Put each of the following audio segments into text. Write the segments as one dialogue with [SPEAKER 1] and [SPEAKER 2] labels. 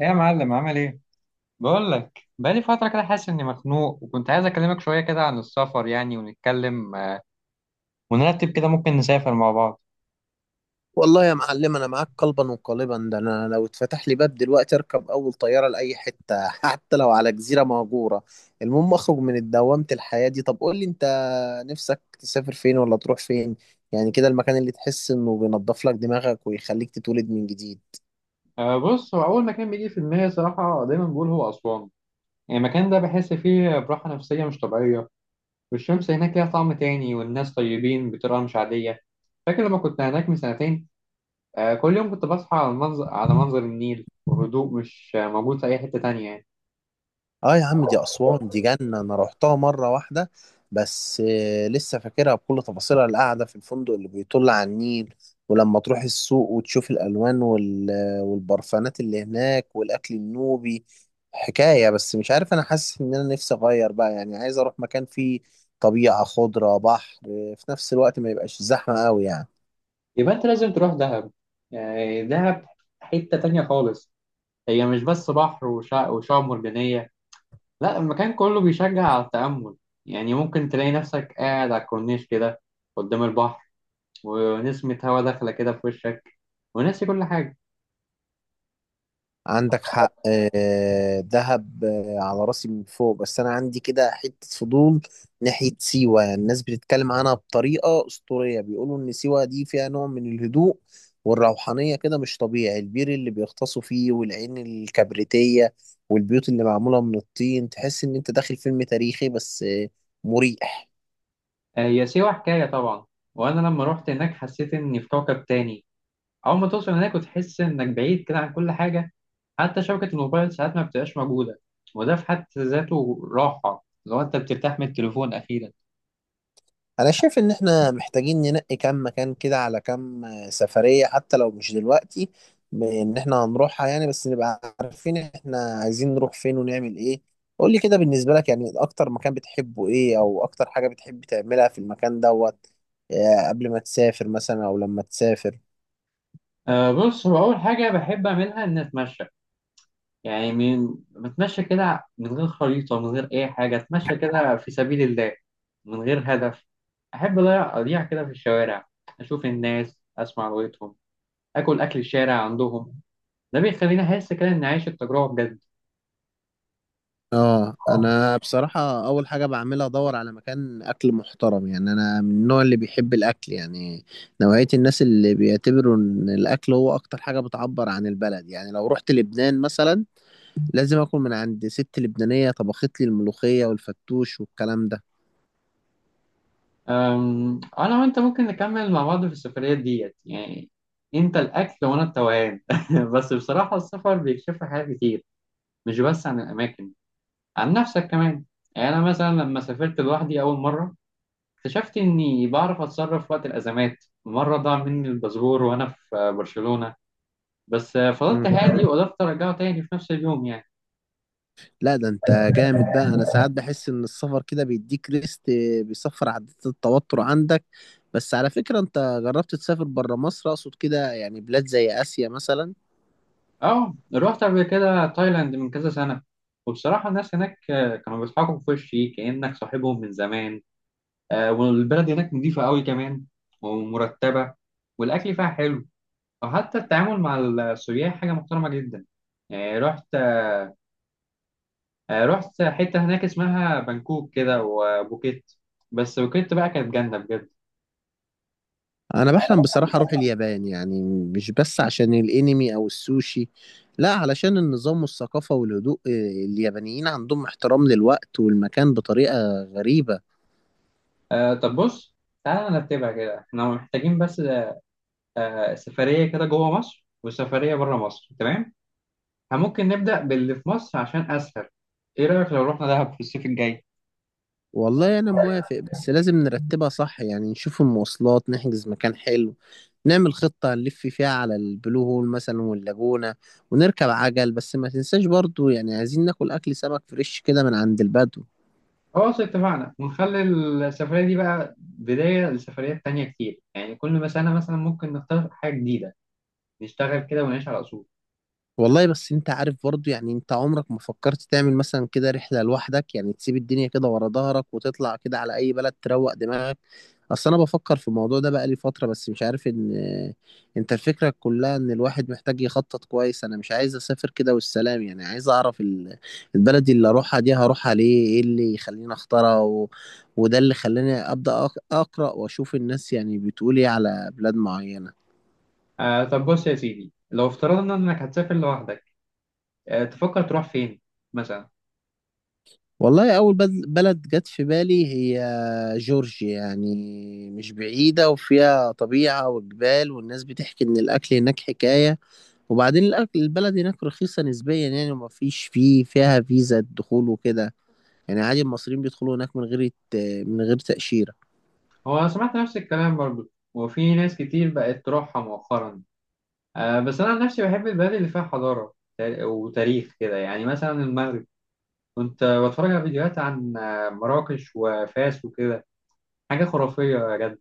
[SPEAKER 1] ايه يا معلم، عامل ايه؟ بقول لك بقالي فتره كده حاسس اني مخنوق، وكنت عايز اكلمك شويه كده عن السفر يعني، ونتكلم ونرتب كده ممكن نسافر مع بعض.
[SPEAKER 2] والله يا معلم، انا معاك قلبا وقالبا. ده انا لو اتفتح لي باب دلوقتي اركب اول طياره لاي حته حتى لو على جزيره مهجوره. المهم اخرج من دوامه الحياه دي. طب قول لي انت، نفسك تسافر فين ولا تروح فين؟ يعني كده المكان اللي تحس انه بينضف لك دماغك ويخليك تتولد من جديد.
[SPEAKER 1] أه، بص. هو أول مكان بيجي في دماغي صراحة دايما بقول هو أسوان. يعني المكان ده بحس فيه براحة نفسية مش طبيعية، والشمس هناك ليها طعم تاني، والناس طيبين بطريقة مش عادية. فاكر لما كنت هناك من سنتين؟ أه، كل يوم كنت بصحى على المنظر، على منظر النيل وهدوء مش موجود في أي حتة تانية يعني.
[SPEAKER 2] اه يا عم، دي اسوان دي جنه. انا روحتها مره واحده بس لسه فاكرها بكل تفاصيلها، القعده في الفندق اللي بيطل على النيل. ولما تروح السوق وتشوف الالوان والبرفانات اللي هناك والاكل النوبي حكايه. بس مش عارف، انا حاسس ان انا نفسي اغير بقى، يعني عايز اروح مكان فيه طبيعه، خضره، بحر، في نفس الوقت ما يبقاش زحمه قوي يعني.
[SPEAKER 1] يبقى أنت لازم تروح دهب. يعني دهب حتة تانية خالص. هي مش بس بحر وشعاب مرجانية، لا المكان كله بيشجع على التأمل. يعني ممكن تلاقي نفسك قاعد على الكورنيش كده قدام البحر، ونسمة هوا داخلة كده في وشك، وناسي كل حاجة.
[SPEAKER 2] عندك حق، دهب على راسي من فوق، بس انا عندي كده حتة فضول ناحية سيوة. يعني الناس بتتكلم عنها بطريقة أسطورية، بيقولوا ان سيوة دي فيها نوع من الهدوء والروحانية كده مش طبيعي. البير اللي بيغطسوا فيه والعين الكبريتية والبيوت اللي معمولة من الطين، تحس ان انت داخل فيلم تاريخي بس مريح.
[SPEAKER 1] آه، هي سيوة حكاية طبعا. وأنا لما روحت هناك حسيت إني في كوكب تاني. أول ما توصل هناك وتحس إنك بعيد كده عن كل حاجة، حتى شبكة الموبايل ساعات ما بتبقاش موجودة، وده في حد ذاته راحة لو أنت بترتاح من التليفون أخيرا.
[SPEAKER 2] انا شايف ان احنا محتاجين ننقي كام مكان كده على كام سفرية، حتى لو مش دلوقتي ان احنا هنروحها، يعني بس نبقى عارفين احنا عايزين نروح فين ونعمل ايه. قول لي كده، بالنسبة لك يعني اكتر مكان بتحبه ايه او اكتر حاجة بتحب تعملها في المكان دوت، قبل ما تسافر مثلا او لما تسافر؟
[SPEAKER 1] أه، بص. هو أول حاجة بحب أعملها إني أتمشى. يعني من بتمشى كده من غير خريطة، من غير أي حاجة، أتمشى كده في سبيل الله من غير هدف. أحب أضيع أضيع كده في الشوارع، أشوف الناس، أسمع لغتهم، أكل أكل الشارع عندهم. ده بيخليني أحس كده إني عايش التجربة بجد.
[SPEAKER 2] اه، انا بصراحة اول حاجة بعملها ادور على مكان اكل محترم، يعني انا من النوع اللي بيحب الاكل، يعني نوعية الناس اللي بيعتبروا ان الاكل هو اكتر حاجة بتعبر عن البلد. يعني لو رحت لبنان مثلا لازم اكل من عند ست لبنانية طبخت لي الملوخية والفتوش والكلام ده.
[SPEAKER 1] أنا وأنت ممكن نكمل مع بعض في السفرية ديت يعني. أنت الأكل وأنا التوهان. بس بصراحة السفر بيكشف لي حاجات كتير، مش بس عن الأماكن، عن نفسك كمان. يعني أنا مثلا لما سافرت لوحدي أول مرة اكتشفت إني بعرف أتصرف وقت الأزمات. مرة ضاع مني الباسبور وأنا في برشلونة، بس فضلت
[SPEAKER 2] مم.
[SPEAKER 1] هادي وقدرت أرجعه تاني في نفس اليوم يعني.
[SPEAKER 2] لا، ده انت جامد بقى. انا ساعات بحس ان السفر كده بيديك ريست، بيصفر عدات التوتر عندك. بس على فكرة انت جربت تسافر برا مصر؟ اقصد كده، يعني بلاد زي اسيا مثلا؟
[SPEAKER 1] أه، رحت قبل كده تايلاند من كذا سنة. وبصراحة الناس هناك كانوا بيضحكوا في وشي كأنك صاحبهم من زمان. والبلد هناك نضيفة قوي كمان، ومرتبة، والأكل فيها حلو، وحتى التعامل مع السياح حاجة محترمة جدا. يعني رحت، رحت حتة هناك اسمها بانكوك كده وبوكيت. بس بوكيت بقى كانت جنة بجد.
[SPEAKER 2] انا بحلم بصراحة اروح اليابان، يعني مش بس عشان الانمي او السوشي، لا علشان النظام والثقافة والهدوء. اليابانيين عندهم احترام للوقت والمكان بطريقة غريبة.
[SPEAKER 1] آه، طب بص، تعالى نرتبها كده. احنا محتاجين بس سفرية كده جوه مصر وسفرية بره مصر، تمام؟ احنا ممكن نبدأ باللي في مصر عشان أسهل. ايه رأيك لو رحنا دهب في الصيف الجاي؟
[SPEAKER 2] والله انا موافق، بس لازم نرتبها صح، يعني نشوف المواصلات، نحجز مكان حلو، نعمل خطة نلف فيها على البلو هول مثلا واللاجونة ونركب عجل. بس ما تنساش برضو، يعني عايزين ناكل اكل سمك فريش كده من عند البدو.
[SPEAKER 1] خلاص اتفقنا. ونخلي السفرية دي بقى بداية لسفريات تانية كتير، يعني كل ما سنة مثلا ممكن نختار حاجة جديدة. نشتغل كده ونعيش على أصول.
[SPEAKER 2] والله بس انت عارف برضو، يعني انت عمرك ما فكرت تعمل مثلا كده رحلة لوحدك؟ يعني تسيب الدنيا كده ورا ظهرك وتطلع كده على اي بلد تروق دماغك. اصل انا بفكر في الموضوع ده بقالي فترة بس مش عارف. ان انت، الفكرة كلها ان الواحد محتاج يخطط كويس، انا مش عايز اسافر كده والسلام، يعني عايز اعرف البلد اللي اروحها دي هروحها ليه، ايه اللي يخليني اختارها وده اللي خلاني ابدا اقرا واشوف الناس يعني بتقول ايه على بلاد معينة.
[SPEAKER 1] آه، طب بص يا سيدي، لو افترضنا إنك هتسافر لوحدك، تفكر تروح فين مثلا؟
[SPEAKER 2] والله، أول بلد جت في بالي هي جورجيا، يعني مش بعيدة وفيها طبيعة وجبال والناس بتحكي إن الأكل هناك حكاية. وبعدين الأكل البلد هناك رخيصة نسبيا يعني، وما فيش فيه فيها فيزا دخول وكده. يعني عادي المصريين بيدخلوا هناك من غير من غير تأشيرة.
[SPEAKER 1] هو أنا سمعت نفس الكلام برضو، وفي ناس كتير بقت تروحها مؤخرا. بس أنا عن نفسي بحب البلد اللي فيها حضارة وتاريخ كده. يعني مثلا المغرب، كنت بتفرج على فيديوهات عن مراكش وفاس وكده. حاجة خرافية يا جد.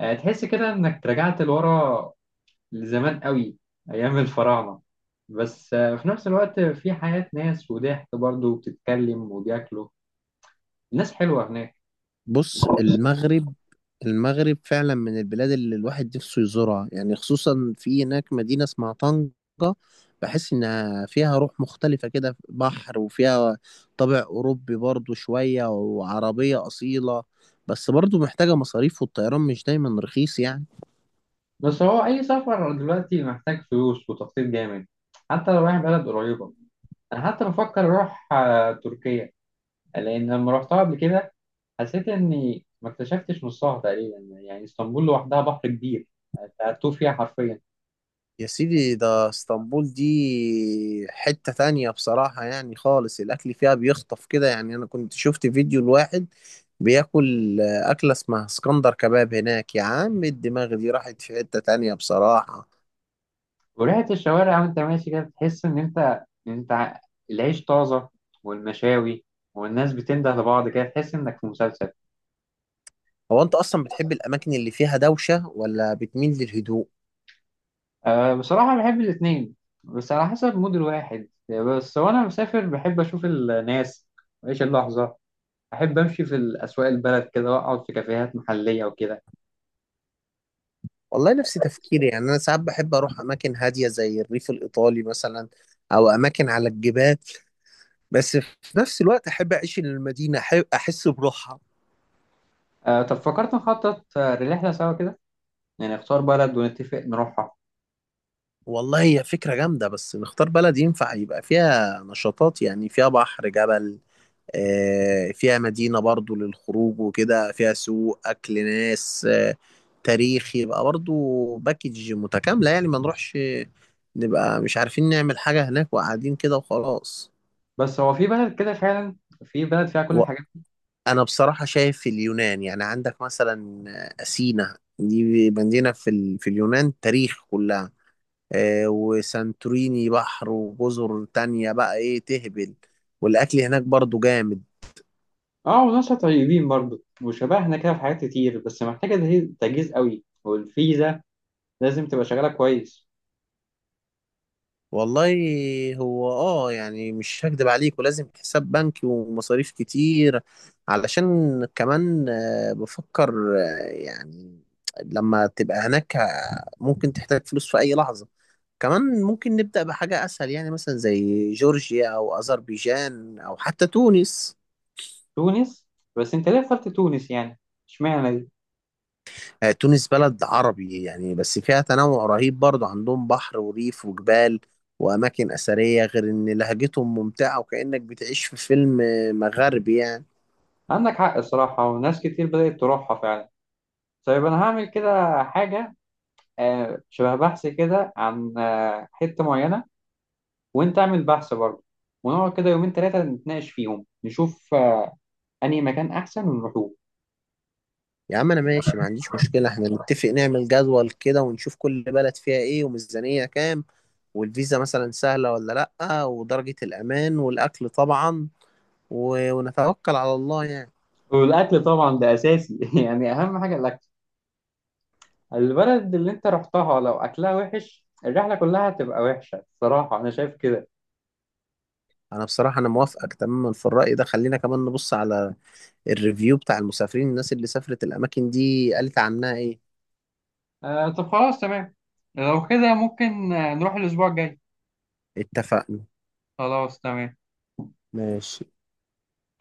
[SPEAKER 1] تحس كده إنك رجعت لورا لزمان قوي، أيام الفراعنة. بس في نفس الوقت في حياة ناس وضحك برضو، وبتتكلم وبياكلوا. الناس حلوة هناك.
[SPEAKER 2] بص، المغرب المغرب فعلا من البلاد اللي الواحد نفسه يزورها، يعني خصوصا في هناك مدينة اسمها طنجة، بحس إنها فيها روح مختلفة كده، بحر وفيها طابع أوروبي برضو شوية وعربية أصيلة. بس برضو محتاجة مصاريف والطيران مش دايما رخيص يعني.
[SPEAKER 1] بس هو أي سفر دلوقتي محتاج فلوس وتخطيط جامد، حتى لو رايح بلد قريبة. أنا حتى بفكر أروح تركيا. لأن لما رحتها قبل كده حسيت إني ما اكتشفتش نصها تقريبا. يعني اسطنبول لوحدها بحر كبير، أنت هتوه فيها حرفيا.
[SPEAKER 2] يا سيدي ده اسطنبول دي حتة تانية بصراحة، يعني خالص الأكل فيها بيخطف كده، يعني أنا كنت شفت فيديو لواحد بياكل أكلة اسمها اسكندر كباب هناك، يا عم الدماغ دي راحت في حتة تانية بصراحة.
[SPEAKER 1] وريحة الشوارع وأنت ماشي كده بتحس إن أنت العيش طازة، والمشاوي، والناس بتنده لبعض كده، تحس إنك في مسلسل.
[SPEAKER 2] هو أنت أصلا بتحب الأماكن اللي فيها دوشة ولا بتميل للهدوء؟
[SPEAKER 1] أه، بصراحة بحب الاتنين، بس على حسب مود الواحد بس. وأنا مسافر بحب أشوف الناس وأعيش اللحظة. أحب أمشي في الأسواق البلد كده، وأقعد في كافيهات محلية وكده.
[SPEAKER 2] والله نفس تفكيري، يعني أنا ساعات بحب أروح أماكن هادية زي الريف الإيطالي مثلا، أو أماكن على الجبال، بس في نفس الوقت أحب أعيش المدينة، أحب أحس بروحها.
[SPEAKER 1] أه، طب فكرت نخطط لرحلة سوا كده؟ يعني نختار بلد ونتفق نروحها.
[SPEAKER 2] والله هي فكرة جامدة، بس نختار بلد ينفع يبقى فيها نشاطات، يعني فيها بحر، جبل، فيها مدينة برضو للخروج وكده، فيها سوق، أكل، ناس، تاريخ يبقى برضو، باكج متكاملة، يعني ما نروحش نبقى مش عارفين نعمل حاجة هناك وقاعدين كده وخلاص.
[SPEAKER 1] بس هو في بلد كده فعلا؟ في بلد فيها كل الحاجات؟
[SPEAKER 2] وأنا بصراحة شايف اليونان، يعني عندك مثلا أثينا دي مدينة في اليونان تاريخ كلها، وسانتوريني بحر وجزر تانية بقى ايه تهبل، والاكل هناك برضو جامد.
[SPEAKER 1] اه، وناس طيبين برضه، وشبهنا كده في حاجات كتير. بس محتاجة تجهيز تجهيز قوي، والفيزا لازم تبقى شغالة كويس.
[SPEAKER 2] والله، هو يعني مش هكدب عليك، ولازم حساب بنكي ومصاريف كتير علشان. كمان بفكر يعني لما تبقى هناك ممكن تحتاج فلوس في اي لحظة. كمان ممكن نبدأ بحاجة اسهل، يعني مثلا زي جورجيا او اذربيجان او حتى تونس.
[SPEAKER 1] تونس؟ بس أنت ليه اخترت تونس يعني؟ اشمعنى دي؟
[SPEAKER 2] تونس بلد عربي يعني، بس فيها تنوع رهيب برضه، عندهم بحر وريف وجبال وأماكن أثرية، غير إن لهجتهم ممتعة وكأنك بتعيش في فيلم مغربي يعني.
[SPEAKER 1] عندك حق الصراحة، وناس كتير بدأت تروحها فعلا. طيب أنا هعمل كده حاجة، شبه بحث كده عن حتة معينة، وأنت اعمل بحث برضه. ونقعد كده يومين تلاتة نتناقش فيهم، نشوف أنهي مكان أحسن ونروحوه.
[SPEAKER 2] يا عم أنا ماشي، ما عنديش مشكلة. إحنا نتفق، نعمل جدول كده ونشوف كل بلد فيها إيه وميزانية كام، والفيزا مثلا سهلة ولا لأ، ودرجة الأمان والأكل طبعا، ونتوكل على الله يعني.
[SPEAKER 1] والأكل طبعا ده أساسي. يعني أهم حاجة الأكل. البلد اللي أنت رحتها لو أكلها وحش، الرحلة كلها هتبقى وحشة. الصراحة أنا شايف كده.
[SPEAKER 2] أنا بصراحة أنا موافقك تماما في الرأي ده، خلينا كمان نبص على الريفيو بتاع المسافرين، الناس اللي سافرت الأماكن دي قالت عنها إيه.
[SPEAKER 1] آه، طب خلاص تمام. لو كده ممكن نروح الأسبوع الجاي.
[SPEAKER 2] اتفقنا.
[SPEAKER 1] خلاص تمام.
[SPEAKER 2] ماشي.